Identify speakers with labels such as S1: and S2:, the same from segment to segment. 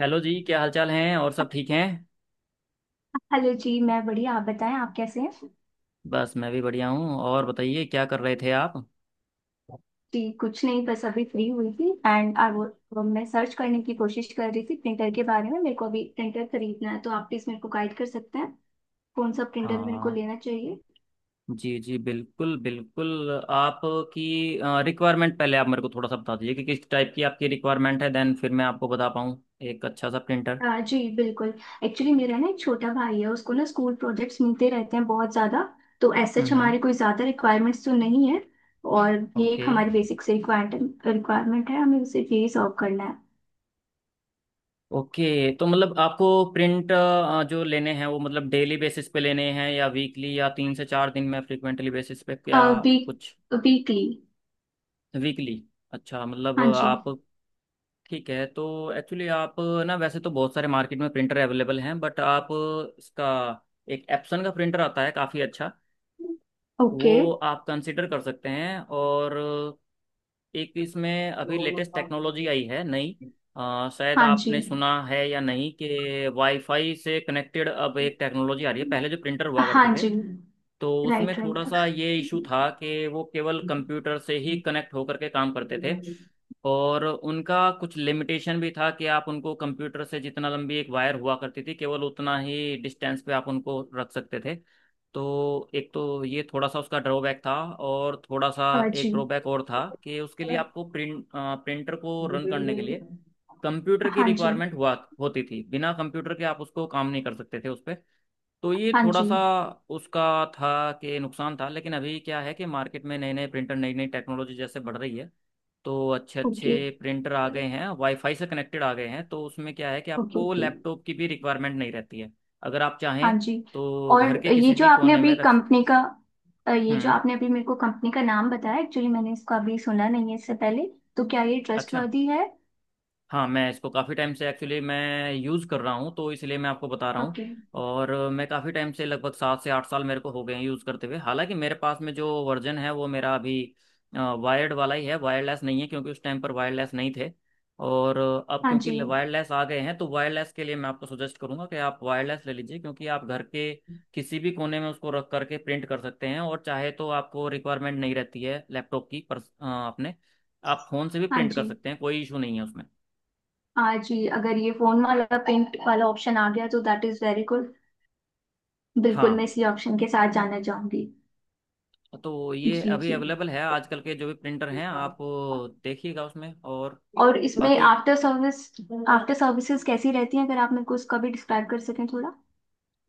S1: Hello जी, क्या हालचाल हैं? और सब ठीक हैं?
S2: हेलो जी। मैं बढ़िया, आप बताएं आप कैसे हैं।
S1: बस, मैं भी बढ़िया हूँ। और बताइए, क्या कर रहे थे आप?
S2: जी कुछ नहीं, बस अभी फ्री हुई थी एंड आई वो मैं सर्च करने की कोशिश कर रही थी प्रिंटर के बारे में। मेरे को अभी प्रिंटर खरीदना है, तो आप प्लीज मेरे को गाइड कर सकते हैं कौन सा प्रिंटर मेरे को
S1: हाँ।
S2: लेना चाहिए।
S1: जी जी, बिल्कुल बिल्कुल। आपकी रिक्वायरमेंट पहले आप मेरे को थोड़ा सा बता दीजिए कि किस टाइप की आपकी रिक्वायरमेंट है, देन फिर मैं आपको बता पाऊँ। एक अच्छा सा प्रिंटर।
S2: हाँ जी बिल्कुल। एक्चुअली मेरा ना एक छोटा भाई है, उसको ना स्कूल प्रोजेक्ट्स मिलते रहते हैं बहुत ज़्यादा। तो एज सच
S1: हम्म।
S2: हमारे कोई ज़्यादा रिक्वायरमेंट्स तो नहीं है। और ये
S1: ओके
S2: एक हमारी बेसिक से रिक्वायरमेंट रिक्वायरमेंट है, हमें उसे यही सॉल्व करना
S1: ओके। तो मतलब आपको प्रिंट जो लेने हैं, वो मतलब डेली बेसिस पे लेने हैं या वीकली या 3 से 4 दिन में फ्रिक्वेंटली बेसिस पे,
S2: है
S1: क्या कुछ?
S2: Week weekly.
S1: वीकली? अच्छा, मतलब
S2: हाँ जी।
S1: आप ठीक है तो। एक्चुअली आप ना, वैसे तो बहुत सारे मार्केट में प्रिंटर अवेलेबल हैं, बट आप इसका एक एप्सन का प्रिंटर आता है काफ़ी अच्छा। वो
S2: ओके।
S1: आप कंसिडर कर सकते हैं। और एक इसमें अभी लेटेस्ट टेक्नोलॉजी आई है नई। शायद
S2: हाँ जी।
S1: आपने सुना है या नहीं कि वाईफाई से कनेक्टेड अब एक टेक्नोलॉजी आ रही है। पहले जो प्रिंटर हुआ करते
S2: हाँ
S1: थे,
S2: जी।
S1: तो उसमें
S2: राइट
S1: थोड़ा
S2: राइट।
S1: सा ये इशू था कि वो केवल कंप्यूटर से ही कनेक्ट होकर के काम करते थे। और उनका कुछ लिमिटेशन भी था कि आप उनको कंप्यूटर से जितना लंबी एक वायर हुआ करती थी, केवल उतना ही डिस्टेंस पे आप उनको रख सकते थे। तो एक तो ये थोड़ा सा उसका ड्रॉबैक था। और थोड़ा सा
S2: हाँ
S1: एक
S2: जी।
S1: ड्रॉबैक और था कि उसके लिए आपको प्रिंटर को रन करने के लिए कंप्यूटर की
S2: हाँ जी।
S1: रिक्वायरमेंट हुआ होती थी। बिना कंप्यूटर के आप उसको काम नहीं कर सकते थे उस पे। तो ये
S2: हाँ
S1: थोड़ा
S2: जी।
S1: सा उसका था कि नुकसान था। लेकिन अभी क्या है कि मार्केट में नए नए प्रिंटर, नई नई टेक्नोलॉजी जैसे बढ़ रही है, तो अच्छे
S2: ओके
S1: अच्छे प्रिंटर आ गए हैं, वाईफाई से कनेक्टेड आ गए हैं, तो उसमें क्या है कि
S2: ओके।
S1: आपको
S2: ओके।
S1: लैपटॉप की भी रिक्वायरमेंट नहीं रहती है। अगर आप
S2: हाँ
S1: चाहें
S2: जी।
S1: तो घर के
S2: और ये
S1: किसी
S2: जो
S1: भी
S2: आपने
S1: कोने में
S2: अभी
S1: रख सक-।
S2: कंपनी का ये जो
S1: हम्म।
S2: आपने अभी मेरे को कंपनी का नाम बताया, एक्चुअली मैंने इसको अभी सुना नहीं है इससे पहले। तो क्या ये
S1: अच्छा।
S2: ट्रस्टवर्दी है?
S1: हाँ, मैं इसको काफ़ी टाइम से, एक्चुअली मैं यूज़ कर रहा हूँ, तो इसलिए मैं आपको बता रहा हूँ।
S2: ओके।
S1: और मैं काफ़ी टाइम से लगभग 7 से 8 साल मेरे को हो गए हैं यूज़ करते हुए। हालांकि मेरे पास में जो वर्जन है वो मेरा अभी वायर्ड वाला ही है, वायरलेस नहीं है, क्योंकि उस टाइम पर वायरलेस नहीं थे। और अब
S2: हाँ जी।
S1: क्योंकि वायरलेस आ गए हैं तो वायरलेस के लिए मैं आपको सजेस्ट करूंगा कि आप वायरलेस ले लीजिए, क्योंकि आप घर के किसी भी कोने में उसको रख करके प्रिंट कर सकते हैं और चाहे तो आपको रिक्वायरमेंट नहीं रहती है लैपटॉप की। पर अपने आप फ़ोन से भी
S2: हाँ
S1: प्रिंट कर
S2: जी।
S1: सकते हैं, कोई इशू नहीं है उसमें।
S2: हाँ जी, अगर ये फोन वाला पेंट वाला ऑप्शन आ गया तो दैट इज वेरी गुड। बिल्कुल मैं
S1: हाँ।
S2: इसी ऑप्शन के साथ जाना चाहूंगी।
S1: तो ये
S2: जी
S1: अभी
S2: जी।
S1: अवेलेबल है, आजकल के जो भी प्रिंटर हैं आप देखिएगा उसमें। और
S2: और इसमें
S1: बाकी,
S2: आफ्टर सर्विस आफ्टर सर्विसेज कैसी रहती हैं, अगर आप मेरे को उसका भी डिस्क्राइब कर सकें थोड़ा।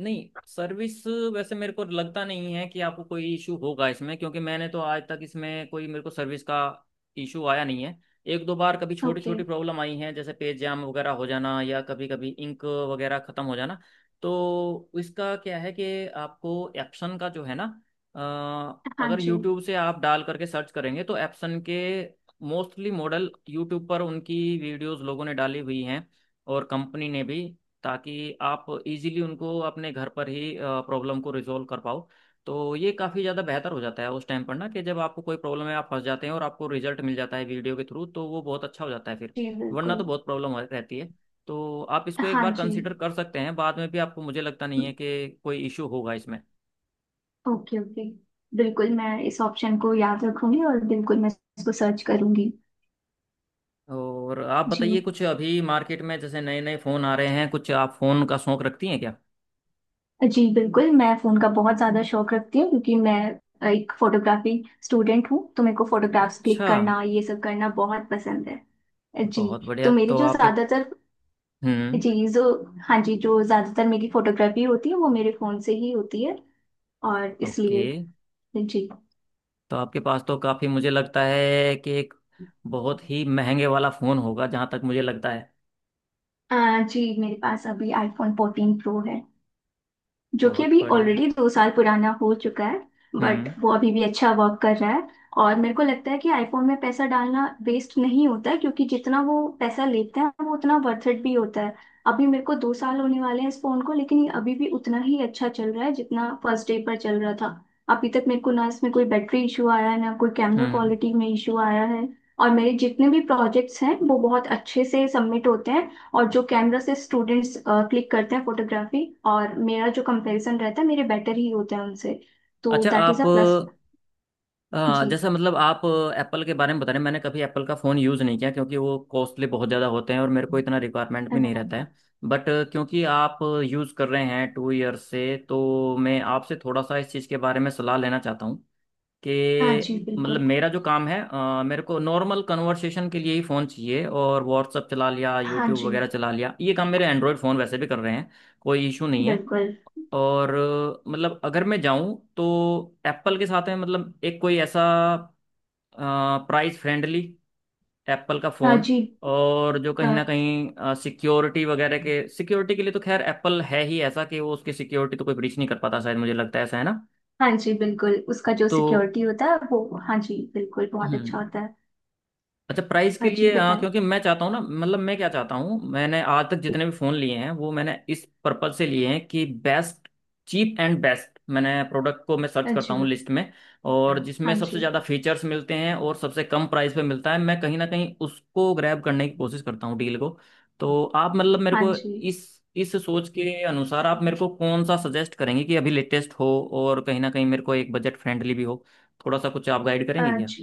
S1: नहीं, सर्विस वैसे मेरे को लगता नहीं है कि आपको कोई इशू होगा इसमें, क्योंकि मैंने तो आज तक इसमें कोई मेरे को सर्विस का इशू आया नहीं है। एक दो बार कभी छोटी
S2: ओके।
S1: छोटी प्रॉब्लम आई है, जैसे पेज जाम वगैरह हो जाना या कभी कभी इंक वगैरह ख़त्म हो जाना। तो इसका क्या है कि आपको एप्सन का जो है ना,
S2: हाँ
S1: अगर
S2: जी।
S1: यूट्यूब से आप डाल करके सर्च करेंगे तो एप्सन के मोस्टली मॉडल यूट्यूब पर उनकी वीडियोस लोगों ने डाली हुई हैं, और कंपनी ने भी, ताकि आप इजीली उनको अपने घर पर ही प्रॉब्लम को रिजॉल्व कर पाओ। तो ये काफ़ी ज़्यादा बेहतर हो जाता है उस टाइम पर ना, कि जब आपको कोई प्रॉब्लम है, आप फंस जाते हैं और आपको रिजल्ट मिल जाता है वीडियो के थ्रू, तो वो बहुत अच्छा हो जाता है फिर।
S2: जी
S1: वरना
S2: बिल्कुल।
S1: तो बहुत प्रॉब्लम रहती है। तो आप इसको एक
S2: हाँ
S1: बार
S2: जी।
S1: कंसिडर कर सकते हैं, बाद में भी आपको, मुझे लगता नहीं है कि कोई इशू होगा इसमें।
S2: Okay okay. बिल्कुल मैं इस ऑप्शन को याद रखूंगी और बिल्कुल मैं इसको सर्च करूंगी।
S1: और आप
S2: जी।
S1: बताइए, कुछ अभी मार्केट में जैसे नए नए फ़ोन आ रहे हैं, कुछ आप फ़ोन का शौक रखती हैं क्या?
S2: जी बिल्कुल, मैं फ़ोन का बहुत ज़्यादा शौक रखती हूँ क्योंकि मैं एक फोटोग्राफी स्टूडेंट हूँ, तो मेरे को फोटोग्राफ्स
S1: अच्छा,
S2: क्लिक करना ये सब करना बहुत पसंद है जी।
S1: बहुत
S2: तो
S1: बढ़िया।
S2: मेरी
S1: तो
S2: जो
S1: आपके
S2: ज़्यादातर
S1: हम्म।
S2: जी जो हाँ जी, जो ज्यादातर मेरी फोटोग्राफी होती है वो मेरे फोन से ही होती है, और
S1: ओके।
S2: इसलिए जी।
S1: तो आपके पास तो काफ़ी, मुझे लगता है कि एक बहुत ही महंगे वाला फ़ोन होगा, जहाँ तक मुझे लगता है।
S2: जी, मेरे पास अभी आईफोन 14 प्रो है, जो कि
S1: बहुत
S2: अभी
S1: बढ़िया।
S2: ऑलरेडी 2 साल पुराना हो चुका है। बट
S1: हम्म
S2: वो अभी भी अच्छा वर्क कर रहा है। और मेरे को लगता है कि आईफोन में पैसा डालना वेस्ट नहीं होता है, क्योंकि जितना वो पैसा लेते हैं वो उतना वर्थ इट भी होता है। अभी मेरे को 2 साल होने वाले हैं इस फोन को, लेकिन ये अभी भी उतना ही अच्छा चल रहा है जितना फर्स्ट डे पर चल रहा था। अभी तक मेरे को ना इसमें कोई बैटरी इशू आया है, ना कोई कैमरा
S1: हम्म।
S2: क्वालिटी में इशू आया है। और मेरे जितने भी प्रोजेक्ट्स हैं वो बहुत अच्छे से सबमिट होते हैं। और जो कैमरा से स्टूडेंट्स क्लिक करते हैं फोटोग्राफी, और मेरा जो कंपैरिजन रहता है, मेरे बेटर ही होते हैं उनसे। तो
S1: अच्छा
S2: दैट इज
S1: आप,
S2: अ प्लस। जी।
S1: जैसा मतलब आप एप्पल के बारे में बता रहे हैं, मैंने कभी एप्पल का फ़ोन यूज़ नहीं किया क्योंकि वो कॉस्टली बहुत ज़्यादा होते हैं और मेरे को इतना रिक्वायरमेंट
S2: है
S1: भी
S2: ना?
S1: नहीं रहता है। बट क्योंकि आप यूज़ कर रहे हैं 2 ईयर से, तो मैं आपसे थोड़ा सा इस चीज़ के बारे में सलाह लेना चाहता हूँ।
S2: हाँ
S1: कि
S2: जी
S1: मतलब
S2: बिल्कुल।
S1: मेरा जो काम है, मेरे को नॉर्मल कन्वर्सेशन के लिए ही फ़ोन चाहिए, और व्हाट्सअप चला लिया,
S2: हाँ
S1: यूट्यूब
S2: जी
S1: वगैरह चला लिया, ये काम मेरे एंड्रॉयड फ़ोन वैसे भी कर रहे हैं, कोई इशू नहीं है।
S2: बिल्कुल।
S1: और मतलब अगर मैं जाऊं तो एप्पल के साथ में, मतलब एक कोई ऐसा प्राइस फ्रेंडली एप्पल का
S2: हाँ
S1: फ़ोन,
S2: जी।
S1: और जो
S2: अ,
S1: कहीं ना कहीं सिक्योरिटी के लिए, तो खैर एप्पल है ही ऐसा कि वो उसकी सिक्योरिटी तो कोई ब्रीच नहीं कर पाता शायद, मुझे लगता है ऐसा, है ना?
S2: हाँ जी बिल्कुल, उसका जो
S1: तो
S2: सिक्योरिटी होता है वो हाँ जी बिल्कुल बहुत अच्छा
S1: हम्म।
S2: होता है।
S1: अच्छा, प्राइस के
S2: हाँ जी
S1: लिए, हाँ,
S2: बताएं।
S1: क्योंकि मैं चाहता हूँ ना, मतलब मैं क्या चाहता हूँ, मैंने आज तक जितने भी फ़ोन लिए हैं वो मैंने इस पर्पज से लिए हैं कि बेस्ट चीप एंड बेस्ट। मैंने प्रोडक्ट को, मैं सर्च
S2: हाँ
S1: करता
S2: जी।
S1: हूँ लिस्ट में, और जिसमें
S2: हाँ
S1: सबसे
S2: जी।
S1: ज़्यादा फीचर्स मिलते हैं और सबसे कम प्राइस पे मिलता है, मैं कहीं ना कहीं उसको ग्रैब करने की कोशिश करता हूँ डील को। तो आप मतलब मेरे
S2: हाँ
S1: को
S2: जी।
S1: इस सोच के अनुसार आप मेरे को कौन सा सजेस्ट करेंगे कि अभी लेटेस्ट हो, और कहीं ना कहीं मेरे को एक बजट फ्रेंडली भी हो? थोड़ा सा कुछ आप गाइड करेंगे
S2: हाँ
S1: क्या?
S2: जी।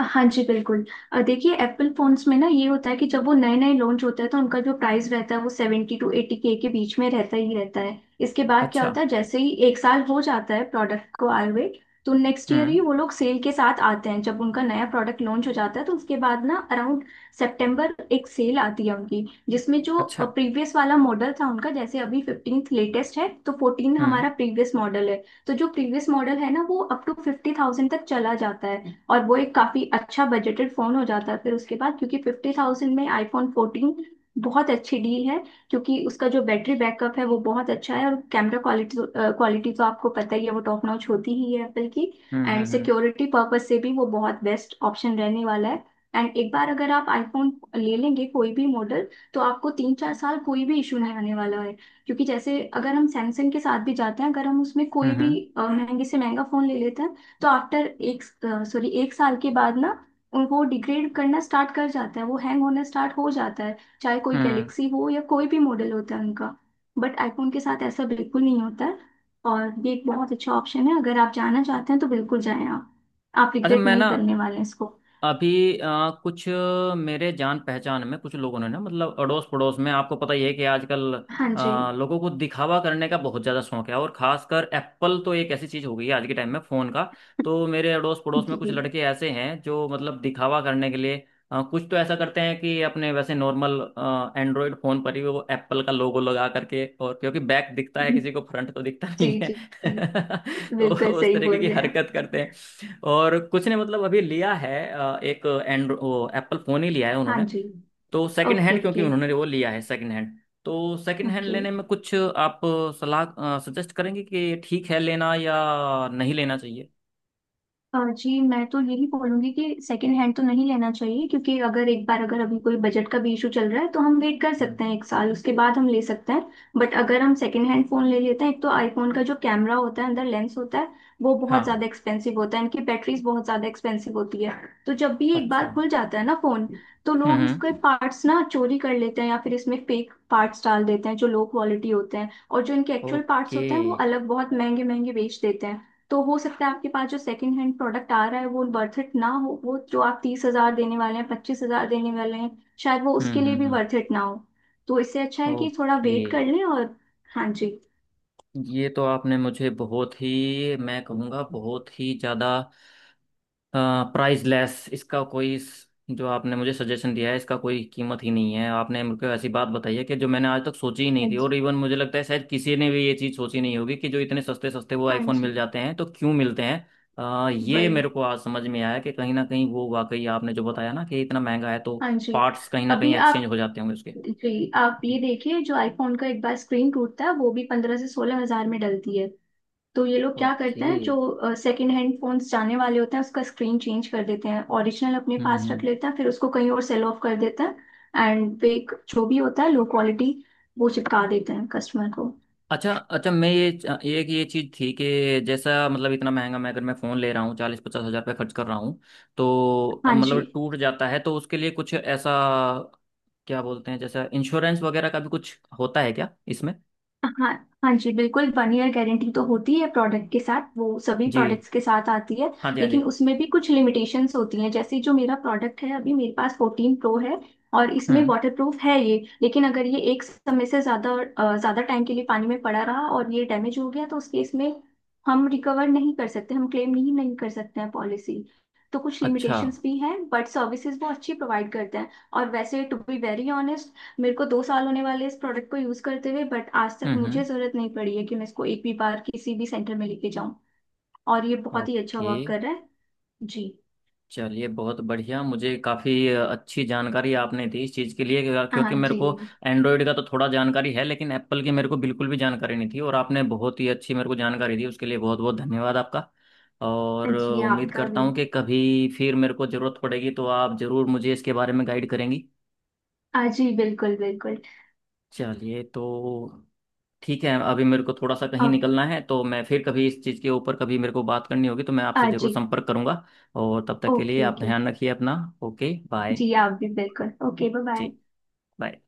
S2: हाँ जी बिल्कुल। देखिए, एप्पल फोन्स में ना ये होता है कि जब वो नए नए लॉन्च होता है तो उनका जो प्राइस रहता है वो सेवेंटी टू एटी के बीच में रहता ही रहता है। इसके बाद क्या
S1: अच्छा।
S2: होता है, जैसे ही 1 साल हो जाता है प्रोडक्ट को आए हुए, तो नेक्स्ट ईयर
S1: हम्म।
S2: ही वो लोग सेल के साथ आते हैं। जब उनका नया प्रोडक्ट लॉन्च हो जाता है तो उसके बाद ना अराउंड सितंबर एक सेल आती है उनकी, जिसमें जो
S1: अच्छा।
S2: प्रीवियस वाला मॉडल था उनका, जैसे अभी 15 लेटेस्ट है तो 14
S1: हम्म
S2: हमारा प्रीवियस मॉडल है, तो जो प्रीवियस मॉडल है ना वो अप टू 50,000 तक चला जाता है, और वो एक काफी अच्छा बजटेड फोन हो जाता है फिर उसके बाद। क्योंकि 50,000 में आईफोन 14 बहुत अच्छी डील है। क्योंकि उसका जो बैटरी बैकअप है वो बहुत अच्छा है, और कैमरा क्वालिटी क्वालिटी तो आपको पता ही है, वो टॉप नॉच होती ही है एप्पल की।
S1: Hmm
S2: and
S1: hmm
S2: security purpose से भी वो बहुत बेस्ट ऑप्शन रहने वाला है। एंड एक बार अगर आप आईफोन ले लेंगे कोई भी मॉडल, तो आपको 3-4 साल कोई भी इशू नहीं आने वाला है। क्योंकि जैसे अगर हम सैमसंग के साथ भी जाते हैं, अगर हम उसमें
S1: हम्म
S2: कोई भी
S1: हम्म
S2: महंगे से महंगा फोन ले लेते हैं, तो आफ्टर 1 साल के बाद ना उनको डिग्रेड करना स्टार्ट कर जाता है, वो हैंग होना स्टार्ट हो जाता है। चाहे कोई
S1: हम्म।
S2: गैलेक्सी हो या कोई भी मॉडल होता है उनका। बट आईफोन के साथ ऐसा बिल्कुल नहीं होता है। और ये एक बहुत अच्छा ऑप्शन है, अगर आप जाना चाहते हैं तो बिल्कुल जाएं आप। आप
S1: अच्छा,
S2: रिग्रेट
S1: मैं
S2: नहीं
S1: ना,
S2: करने वाले हैं इसको।
S1: अभी अ, कुछ मेरे जान पहचान में कुछ लोगों ने ना, मतलब अड़ोस पड़ोस में, आपको पता ही है कि आजकल
S2: हाँ जी।
S1: लोगों को दिखावा करने का बहुत ज़्यादा शौक है, और खासकर एप्पल तो एक ऐसी चीज़ हो गई है आज के टाइम में फ़ोन का। तो मेरे अड़ोस पड़ोस में कुछ
S2: जी
S1: लड़के ऐसे हैं जो मतलब दिखावा करने के लिए कुछ तो ऐसा करते हैं कि अपने वैसे नॉर्मल एंड्रॉयड फ़ोन पर ही वो एप्पल का लोगो लगा करके, और क्योंकि बैक दिखता है किसी को, फ्रंट तो दिखता
S2: जी
S1: नहीं है।
S2: जी जी,
S1: तो
S2: बिल्कुल
S1: उस
S2: सही
S1: तरीके
S2: बोल
S1: की
S2: रहे हैं आप।
S1: हरकत करते हैं। और कुछ ने मतलब अभी लिया है, एक एंड वो एप्पल फ़ोन ही लिया है
S2: हाँ
S1: उन्होंने,
S2: जी।
S1: तो सेकंड
S2: ओके
S1: हैंड, क्योंकि
S2: ओके
S1: उन्होंने वो लिया है सेकंड हैंड। तो सेकंड हैंड
S2: ओके।
S1: लेने में कुछ आप सलाह सजेस्ट करेंगे कि ठीक है लेना या नहीं लेना चाहिए?
S2: जी मैं तो यही बोलूंगी कि सेकंड हैंड तो नहीं लेना चाहिए, क्योंकि अगर एक बार अगर अभी कोई बजट का भी इशू चल रहा है, तो हम वेट कर
S1: हम्म।
S2: सकते हैं 1 साल, उसके बाद हम ले सकते हैं। बट अगर हम सेकंड हैंड फोन ले लेते हैं, एक तो आईफोन का जो कैमरा होता है अंदर लेंस होता है, वो बहुत
S1: हाँ।
S2: ज्यादा एक्सपेंसिव होता है, इनकी बैटरीज बहुत ज्यादा एक्सपेंसिव होती है। तो जब भी एक
S1: अच्छा।
S2: बार खुल जाता है ना फोन, तो लोग इसके
S1: हम्म।
S2: पार्ट्स ना चोरी कर लेते हैं, या फिर इसमें फेक पार्ट्स डाल देते हैं जो लो क्वालिटी होते हैं, और जो इनके एक्चुअल पार्ट्स
S1: ओके।
S2: होते हैं वो अलग बहुत महंगे महंगे बेच देते हैं। तो हो सकता है आपके पास जो सेकंड हैंड प्रोडक्ट आ रहा है वो वर्थ इट ना हो। वो जो आप 30,000 देने वाले हैं, 25,000 देने वाले हैं, शायद वो उसके लिए भी
S1: हम्म।
S2: वर्थ इट ना हो। तो इससे अच्छा है कि थोड़ा
S1: ओके।
S2: वेट कर लें। और हाँ जी।
S1: ये तो आपने मुझे बहुत ही, मैं कहूँगा बहुत ही ज़्यादा प्राइसलेस, इसका कोई जो आपने मुझे सजेशन दिया है इसका कोई कीमत ही नहीं है। आपने मुझको ऐसी बात बताई है कि जो मैंने आज तक सोची ही
S2: हाँ
S1: नहीं थी, और
S2: जी।
S1: इवन मुझे लगता है शायद किसी ने भी ये चीज़ सोची नहीं होगी कि जो इतने सस्ते सस्ते वो
S2: हाँ
S1: आईफोन
S2: जी।
S1: मिल जाते हैं तो क्यों मिलते हैं। ये
S2: वही।
S1: मेरे को आज समझ में आया कि कहीं ना कहीं वो वाकई, आपने जो बताया ना कि इतना महंगा है तो
S2: हाँ जी।
S1: पार्ट्स कहीं ना कहीं
S2: अभी
S1: एक्सचेंज
S2: आप।
S1: हो जाते होंगे उसके।
S2: जी, आप ये
S1: जी।
S2: देखिए, जो आईफोन का एक बार स्क्रीन टूटता है वो भी 15,000 से 16,000 में डलती है। तो ये लोग क्या
S1: ओके।
S2: करते हैं, जो सेकंड हैंड फोन्स जाने वाले होते हैं उसका स्क्रीन चेंज कर देते हैं, ओरिजिनल अपने पास रख
S1: हम्म।
S2: लेते हैं, फिर उसको कहीं और सेल ऑफ कर देते हैं। एंड फेक जो भी होता है लो क्वालिटी, वो चिपका देते हैं कस्टमर को।
S1: अच्छा अच्छा, मैं ये एक ये चीज़ थी कि जैसा, मतलब इतना महंगा, मैं अगर मैं फ़ोन ले रहा हूँ, 40-50 हज़ार रुपये खर्च कर रहा हूँ, तो
S2: हाँ जी।
S1: मतलब टूट जाता है तो उसके लिए कुछ ऐसा क्या बोलते हैं, जैसा इंश्योरेंस वगैरह का भी कुछ होता है क्या इसमें?
S2: हाँ। हाँ जी बिल्कुल, 1 ईयर गारंटी तो होती है प्रोडक्ट के साथ, वो सभी
S1: जी।
S2: प्रोडक्ट्स के साथ आती है।
S1: हाँ जी। हाँ जी।
S2: लेकिन उसमें भी कुछ लिमिटेशंस होती हैं, जैसे जो मेरा प्रोडक्ट है अभी, मेरे पास 14 प्रो है, और इसमें
S1: हम्म।
S2: वाटर प्रूफ है ये। लेकिन अगर ये एक समय से ज़्यादा ज़्यादा टाइम के लिए पानी में पड़ा रहा और ये डैमेज हो गया, तो उस केस में हम रिकवर नहीं कर सकते, हम क्लेम नहीं नहीं कर सकते हैं पॉलिसी। तो कुछ
S1: अच्छा।
S2: लिमिटेशंस भी हैं, बट सर्विसेज वो अच्छी प्रोवाइड करते हैं। और वैसे टू बी वेरी ऑनेस्ट, मेरे को दो साल होने वाले इस प्रोडक्ट को यूज करते हुए, बट आज तक मुझे
S1: हम्म।
S2: जरूरत नहीं पड़ी है कि मैं इसको एक भी बार किसी भी सेंटर में लेके जाऊं। और ये बहुत ही अच्छा
S1: ओके।
S2: वर्क कर रहा है। जी।
S1: चलिए बहुत बढ़िया, मुझे काफ़ी अच्छी जानकारी आपने दी इस चीज़ के लिए, क्योंकि
S2: हाँ
S1: मेरे
S2: जी।
S1: को एंड्रॉयड का तो थोड़ा जानकारी है लेकिन एप्पल की मेरे को बिल्कुल भी जानकारी नहीं थी, और आपने बहुत ही अच्छी मेरे को जानकारी दी उसके लिए बहुत बहुत धन्यवाद आपका। और
S2: जी
S1: उम्मीद
S2: आपका
S1: करता
S2: भी।
S1: हूँ कि कभी फिर मेरे को ज़रूरत पड़ेगी तो आप ज़रूर मुझे इसके बारे में गाइड करेंगी।
S2: हाँ जी बिल्कुल बिल्कुल।
S1: चलिए तो ठीक है, अभी मेरे को थोड़ा सा कहीं
S2: ओके।
S1: निकलना है, तो मैं फिर कभी इस चीज़ के ऊपर, कभी मेरे को बात करनी होगी तो मैं आपसे
S2: हाँ
S1: ज़रूर
S2: जी।
S1: संपर्क करूंगा। और तब तक के लिए
S2: ओके
S1: आप
S2: ओके।
S1: ध्यान रखिए अपना। Okay bye.
S2: जी आप भी बिल्कुल। Okay bye bye.
S1: जी। Bye.